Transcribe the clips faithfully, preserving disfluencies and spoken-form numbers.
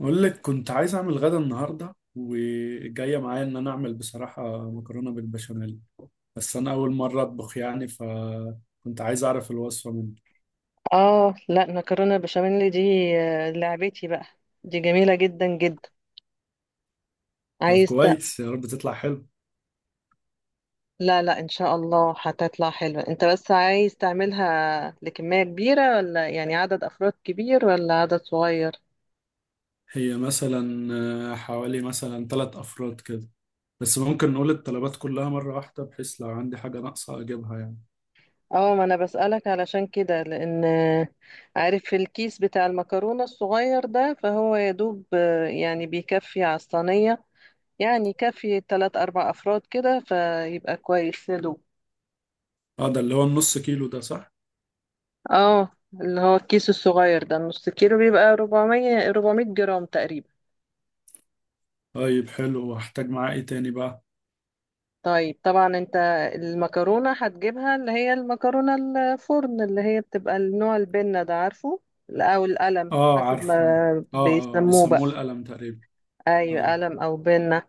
أقول لك كنت عايز أعمل غدا النهاردة وجاية معايا إن أنا أعمل بصراحة مكرونة بالبشاميل. بس أنا أول مرة أطبخ يعني فكنت عايز أعرف الوصفة منك. اه، لا، مكرونه بشاميل دي. آه، لعبتي بقى. دي جميله جدا جدا. طب عايز ت... كويس يا رب تطلع حلو. لا لا، ان شاء الله هتطلع حلوه. انت بس عايز تعملها لكميه كبيره، ولا يعني عدد افراد كبير ولا عدد صغير؟ هي مثلا آه، حوالي مثلا ثلاث أفراد كده. بس ممكن نقول الطلبات كلها مرة واحدة بحيث لو عندي حاجة ناقصة أجيبها يعني. اه، ما انا بسألك علشان كده لان آه، عارف الكيس بتاع المكرونة الصغير ده، فهو يا دوب آه، يعني بيكفي على الصينية. يعني كافي تلات اربع افراد كده فيبقى كويس يا دوب. أه ده اللي هو النص كيلو ده صح؟ اه، اللي هو الكيس الصغير ده، النص كيلو بيبقى أربعمية أربعمية جرام تقريبا. طيب حلو وهحتاج معاه إيه تاني بقى؟ طيب طبعا انت، المكرونة هتجيبها اللي هي المكرونة الفرن، اللي هي بتبقى النوع البنة ده، عارفه؟ لا، او القلم أه، حسب عارفه، أيوة. ما أه، أه، بيسموه بقى. بيسموه القلم تقريبا. ايوه أه. قلم او بنة.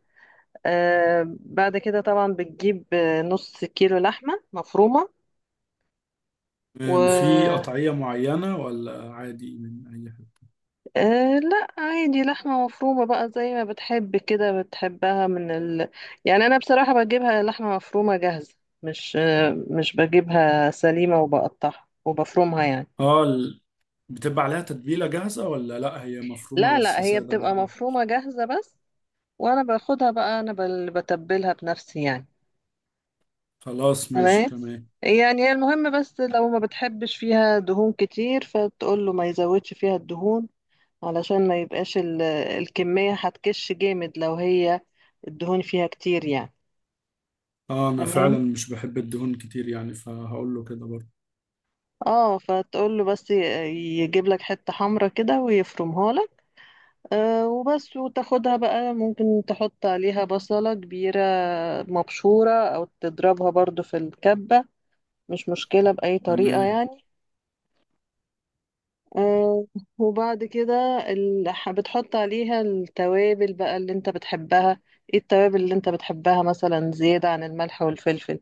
آه بعد كده طبعا بتجيب آه، نص كيلو لحمة مفرومة. أم، في و قطعية معينة ولا عادي من أي حاجة؟ أه لا، عادي لحمة مفرومة بقى زي ما بتحب كده، بتحبها من ال... يعني أنا بصراحة بجيبها لحمة مفرومة جاهزة. مش أه مش بجيبها سليمة وبقطعها وبفرمها يعني. اه ال- بتبقى عليها تتبيلة جاهزة ولا لأ، هي مفرومة لا لا، بس هي سادة بتبقى برضه؟ مفرومة جاهزة بس. وأنا باخدها بقى، أنا بل- بتبلها بنفسي يعني. خلاص، ماشي تمام. تمام. يعني المهم بس لو ما بتحبش فيها دهون كتير فتقول له ما يزودش فيها الدهون، علشان ما يبقاش ال... الكمية هتكش جامد لو هي الدهون فيها كتير يعني. اه، أنا تمام. فعلا مش بحب الدهون كتير يعني فهقول له كده برضه. اه، فتقول له بس ي- يجيب لك حتة حمرا كده ويفرمها لك. آه وبس، وتاخدها بقى ممكن تحط عليها بصلة كبيرة مبشورة، او تضربها برضو في الكبة. مش مشكلة بأي طريقة تمام. يعني. آه وبعد كده ال- ح- بتحط عليها التوابل بقى اللي انت بتحبها. ايه التوابل اللي انت بتحبها مثلا زيادة عن الملح والفلفل؟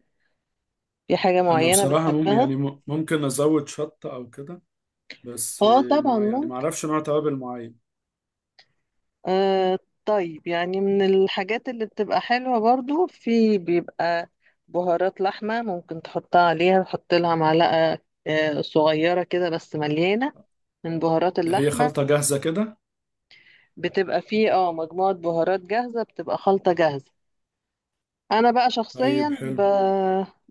في حاجة أنا معينة بصراحة مم بتحبها؟ يعني م- ممكن أزود شطة أو كده. بس اه آه، طبعا. ما يعني ما أعرفش نوع توابل معين. آه. طيب يعني من الحاجات اللي بتبقى حلوة برضو، في بيبقى بهارات لحمة ممكن تحطها عليها، تحط لها معلقة آه صغيرة كده بس مليانة من بهارات ده هي اللحمة. خلطة جاهزة كده؟ بتبقى فيه اه مجموعة بهارات جاهزة، بتبقى خلطة جاهزة. أنا بقى طيب شخصيا ب... حلو.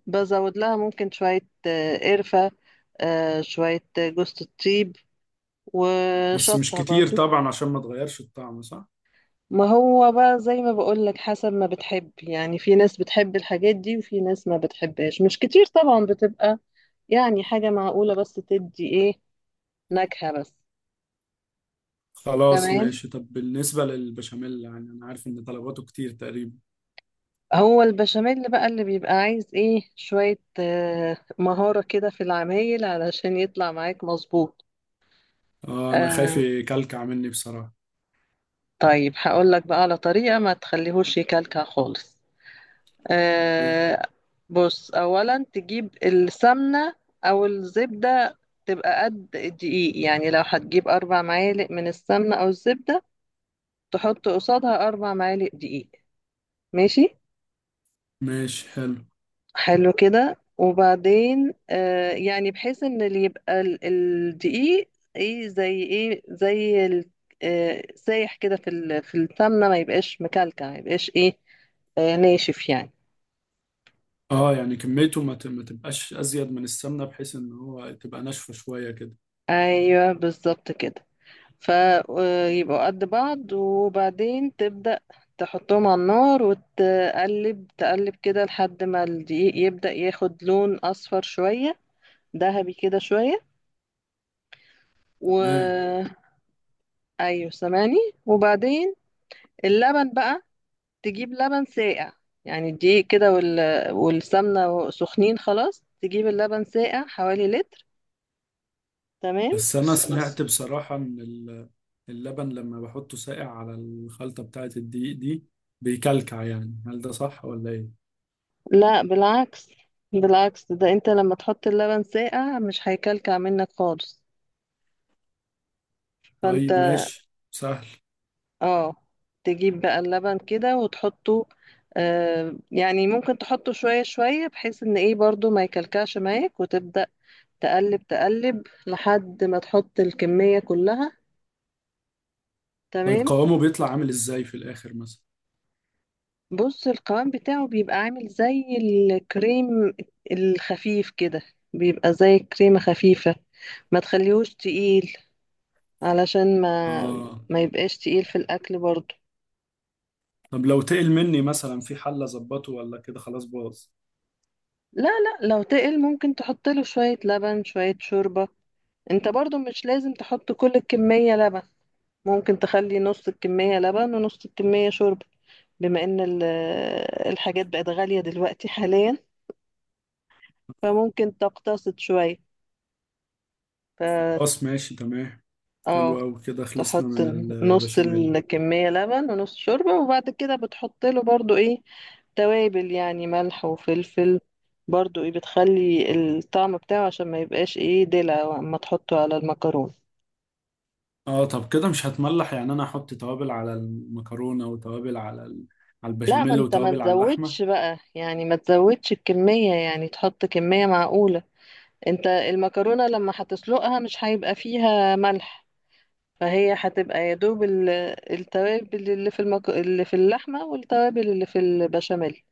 بزود لها ممكن شوية آه، قرفة، آه شوية جوز الطيب، بس مش وشطة كتير برضو. طبعا عشان ما تغيرش الطعم صح؟ ما هو بقى زي ما بقولك، حسب ما بتحب يعني. في ناس بتحب الحاجات دي وفي ناس ما بتحبهاش، مش كتير طبعا، بتبقى يعني حاجة معقولة بس تدي ايه، نكهة بس. خلاص تمام. ماشي. طب بالنسبة للبشاميل يعني أنا عارف إن طلباته كتير تقريبا. هو البشاميل بقى اللي بيبقى عايز ايه، شوية آه، مهارة كده في العمايل علشان يطلع معاك مظبوط. اه، انا خايف آه يكلكع مني بصراحة. طيب هقولك بقى على طريقة ما تخليهوش يكلكع خالص. آه. بص، اولا تجيب السمنه او الزبده تبقى قد الدقيق. يعني لو هتجيب اربع معالق من السمنه او الزبده، تحط قصادها اربع معالق دقيق. ماشي. ماشي حلو. حلو كده. وبعدين آه يعني بحيث ان اللي يبقى ال- الدقيق، ايه زي ايه زي ال- آه سايح كده في ال- في السمنه، ما يبقاش مكلكع، ما يبقاش ايه، آه ناشف يعني. اه، يعني كميته ما ت- ما تبقاش ازيد من السمنة بحيث ان هو تبقى ناشفة شوية كده. ايوه بالظبط كده. فيبقوا قد بعض، وبعدين تبدأ تحطهم على النار وتقلب تقلب كده لحد ما الدقيق يبدأ ياخد لون أصفر شوية، ذهبي كده شوية. تمام. و أيوه سامعني. وبعدين اللبن بقى، تجيب لبن ساقع. يعني الدقيق كده وال... والسمنة سخنين خلاص، تجيب اللبن ساقع حوالي لتر. تمام. بس انا سمعت بصراحة ان ال- اللبن لما بحطه ساقع على الخلطة بتاعة الدقيق دي بيكلكع يعني، هل ده صح ولا ايه؟ لا بالعكس، بالعكس ده انت لما تحط اللبن ساقع مش هيكلكع منك خالص. فانت طيب ماشي سهل. اه، تجيب بقى اللبن كده وتحطه، آه يعني ممكن تحطه شوية شوية بحيث ان ايه برضو ما يكلكعش معاك، وتبدأ تقلب تقلب لحد ما تحط الكمية كلها. طيب تمام. قوامه بيطلع عامل ازاي في الاخر مثلا؟ بص القوام بتاعه بيبقى عامل زي الكريم الخفيف كده، بيبقى زي كريمة خفيفة. ما تخليهوش تقيل، علشان ما اه. ما يبقاش تقيل في الأكل برضو. طب لو تقل مني مثلا في حل اظبطه ولا كده خلاص باظ؟ لا لا، لو تقل ممكن تحط له شوية لبن، شوية شوربة. انت برضو مش لازم تحط كل الكمية لبن، ممكن تخلي نص الكمية لبن ونص الكمية شوربة. بما ان ال- الحاجات بقت غالية دلوقتي حاليا، فممكن تقتصد شوية. ف خلاص ماشي تمام. اه، حلو أوي كده، خلصنا تحط من نص البشاميل. الكمية لبن ونص شوربة، وبعد كده بتحط له برضو ايه، توابل يعني، ملح وفلفل. برضو ايه، بتخلي الطعم بتاعه عشان ما يبقاش ايه دلع اما تحطه على المكرونة. اه، طب كده مش هتملح؟ يعني انا احط توابل على المكرونة وتوابل على ال... على لا، ما البشاميل انت ما وتوابل على اللحمة. تزودش بقى يعني، ما تزودش الكمية، يعني تحط كمية معقولة. انت المكرونة لما هتسلقها مش هيبقى فيها ملح، فهي هتبقى يا دوب ال- التوابل اللي في المك... اللي في اللحمة، والتوابل اللي في البشاميل.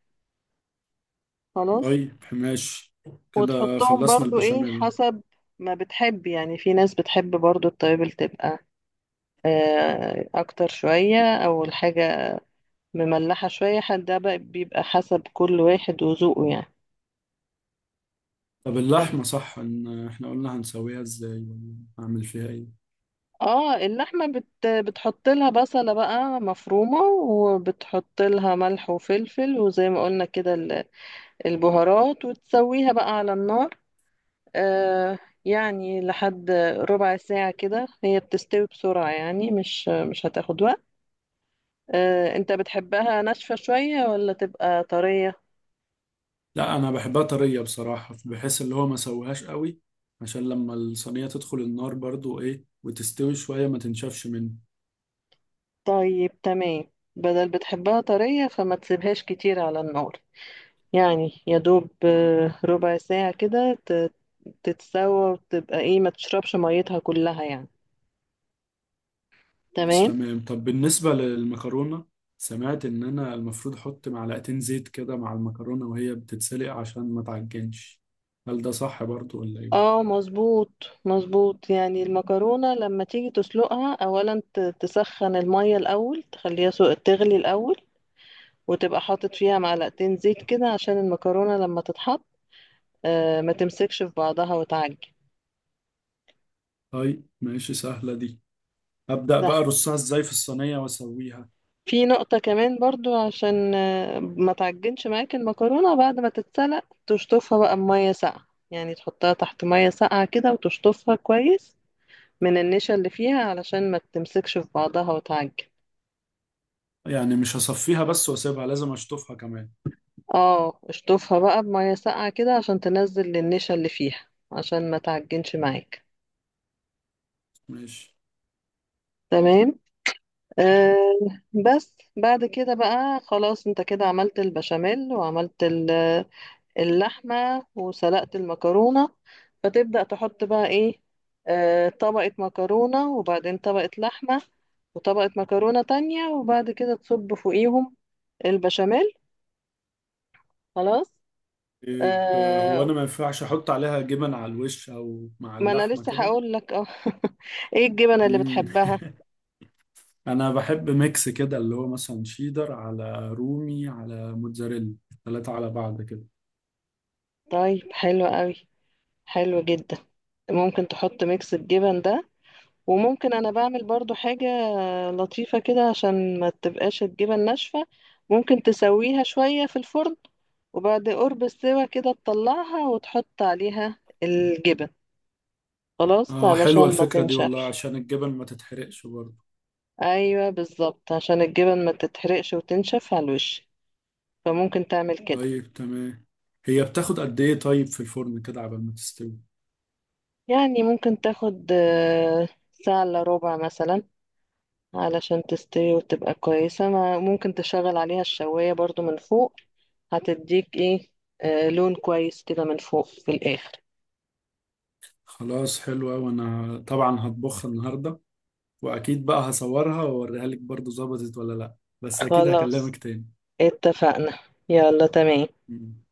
خلاص. طيب ماشي، كده وتحطهم خلصنا برضو ايه البشاميل. حسب ما بتحب يعني. في ناس بتحب برضو التوابل تبقى آه، اكتر شوية، او الحاجة مملحة شوية. حد ده بقى بيبقى حسب كل واحد وذوقه يعني. طب اللحمة، صح ان احنا قلنا هنسويها ازاي ولا هعمل فيها ايه؟ اه، اللحمة بت... بتحط لها بصلة بقى مفرومة، وبتحط لها ملح وفلفل وزي ما قلنا كده ال- البهارات، وتسويها بقى على النار. آه. يعني لحد ربع ساعة كده هي بتستوي بسرعة، يعني مش مش هتاخد وقت. آه انت بتحبها ناشفة شوية ولا تبقى طرية؟ لا، انا بحبها طرية بصراحة، بحيث اللي هو ما سويهاش قوي. عشان لما الصينية تدخل النار برضو ايه وتستوي شوية ما تنشفش منه. طيب تمام، بدل بتحبها طرية فما تسيبهاش كتير على النار. يعني يا دوب آه، ربع ساعة كده ت- تتسوى، وتبقى ايه ما تشربش ميتها كلها يعني. بس تمام. تمام. طب بالنسبة للمكرونة، سمعت إن أنا المفروض أحط معلقتين زيت كده مع المكرونة وهي بتتسلق عشان ما تعجنش. هل ده صح برضو ولا إيه؟ اه مظبوط، مظبوط. يعني المكرونة لما تيجي تسلقها اولا ت- تسخن المية الاول، تخليها سو- تغلي الاول، وتبقى حاطط فيها معلقتين زيت كده، عشان المكرونة لما تتحط آه، ما تمسكش في بعضها وتعجن. طيب ماشي سهلة دي. أبدأ بقى أرصها إزاي في الصينية وأسويها؟ في نقطة كمان برضو، عشان آه، ما تعجنش معاك المكرونة، بعد ما تتسلق تشطفها بقى بمية ساقعة، يعني تحطها تحت مية ساقعة كده وتشطفها كويس من النشا اللي فيها علشان ما تمسكش في بعضها وتعجن. يعني مش هصفيها بس وأسيبها، لازم أشطفها كمان؟ اه، اشطفها بقى بمية ساقعة كده عشان تنزل النشا اللي فيها عشان ما تعجنش معاك. ماشي. تمام. آه. بس بعد كده بقى خلاص، انت كده عملت البشاميل وعملت اللحمة وسلقت المكرونة، فتبدأ تحط بقى ايه، آه طبقة مكرونة وبعدين طبقة لحمة، وطبقة مكرونة تانية، وبعد كده تصب فوقيهم البشاميل. خلاص. طيب هو آه. أنا ما ينفعش أحط عليها جبن على الوش أو مع ما انا اللحمة لسه كده؟ هقول لك اه ايه الجبنة اللي مم. بتحبها؟ انا بحب ميكس كده، اللي هو مثلا شيدر على رومي على موتزاريلا، ثلاثة على بعض كده. طيب حلو قوي، حلو جدا. ممكن تحط ميكس الجبن ده. وممكن انا بعمل برضو حاجة لطيفة كده عشان ما تبقاش الجبن ناشفة، ممكن تسويها شوية في الفرن، وبعد قرب السوا كده تطلعها وتحط عليها الجبن، خلاص اه، حلوة علشان ما الفكرة دي والله تنشفش. عشان الجبن ما تتحرقش برضه. ايوه بالظبط عشان الجبن ما تتحرقش وتنشف على الوش، فممكن تعمل كده. طيب تمام. هي بتاخد قد ايه طيب في الفرن كده عبال ما تستوي؟ يعني ممكن تاخد آه، ساعة الا ربع مثلا علشان تستوي وتبقى كويسة. ما- ممكن تشغل عليها الشواية برضو من فوق، هتديك ايه آه لون كويس كده من فوق في الآخر. خلاص حلوة، وانا طبعا هطبخها النهاردة. واكيد بقى هصورها واوريها لك برضه ظبطت ولا لا. بس اكيد خلاص هكلمك تاني. اتفقنا. يلا تمام. مم.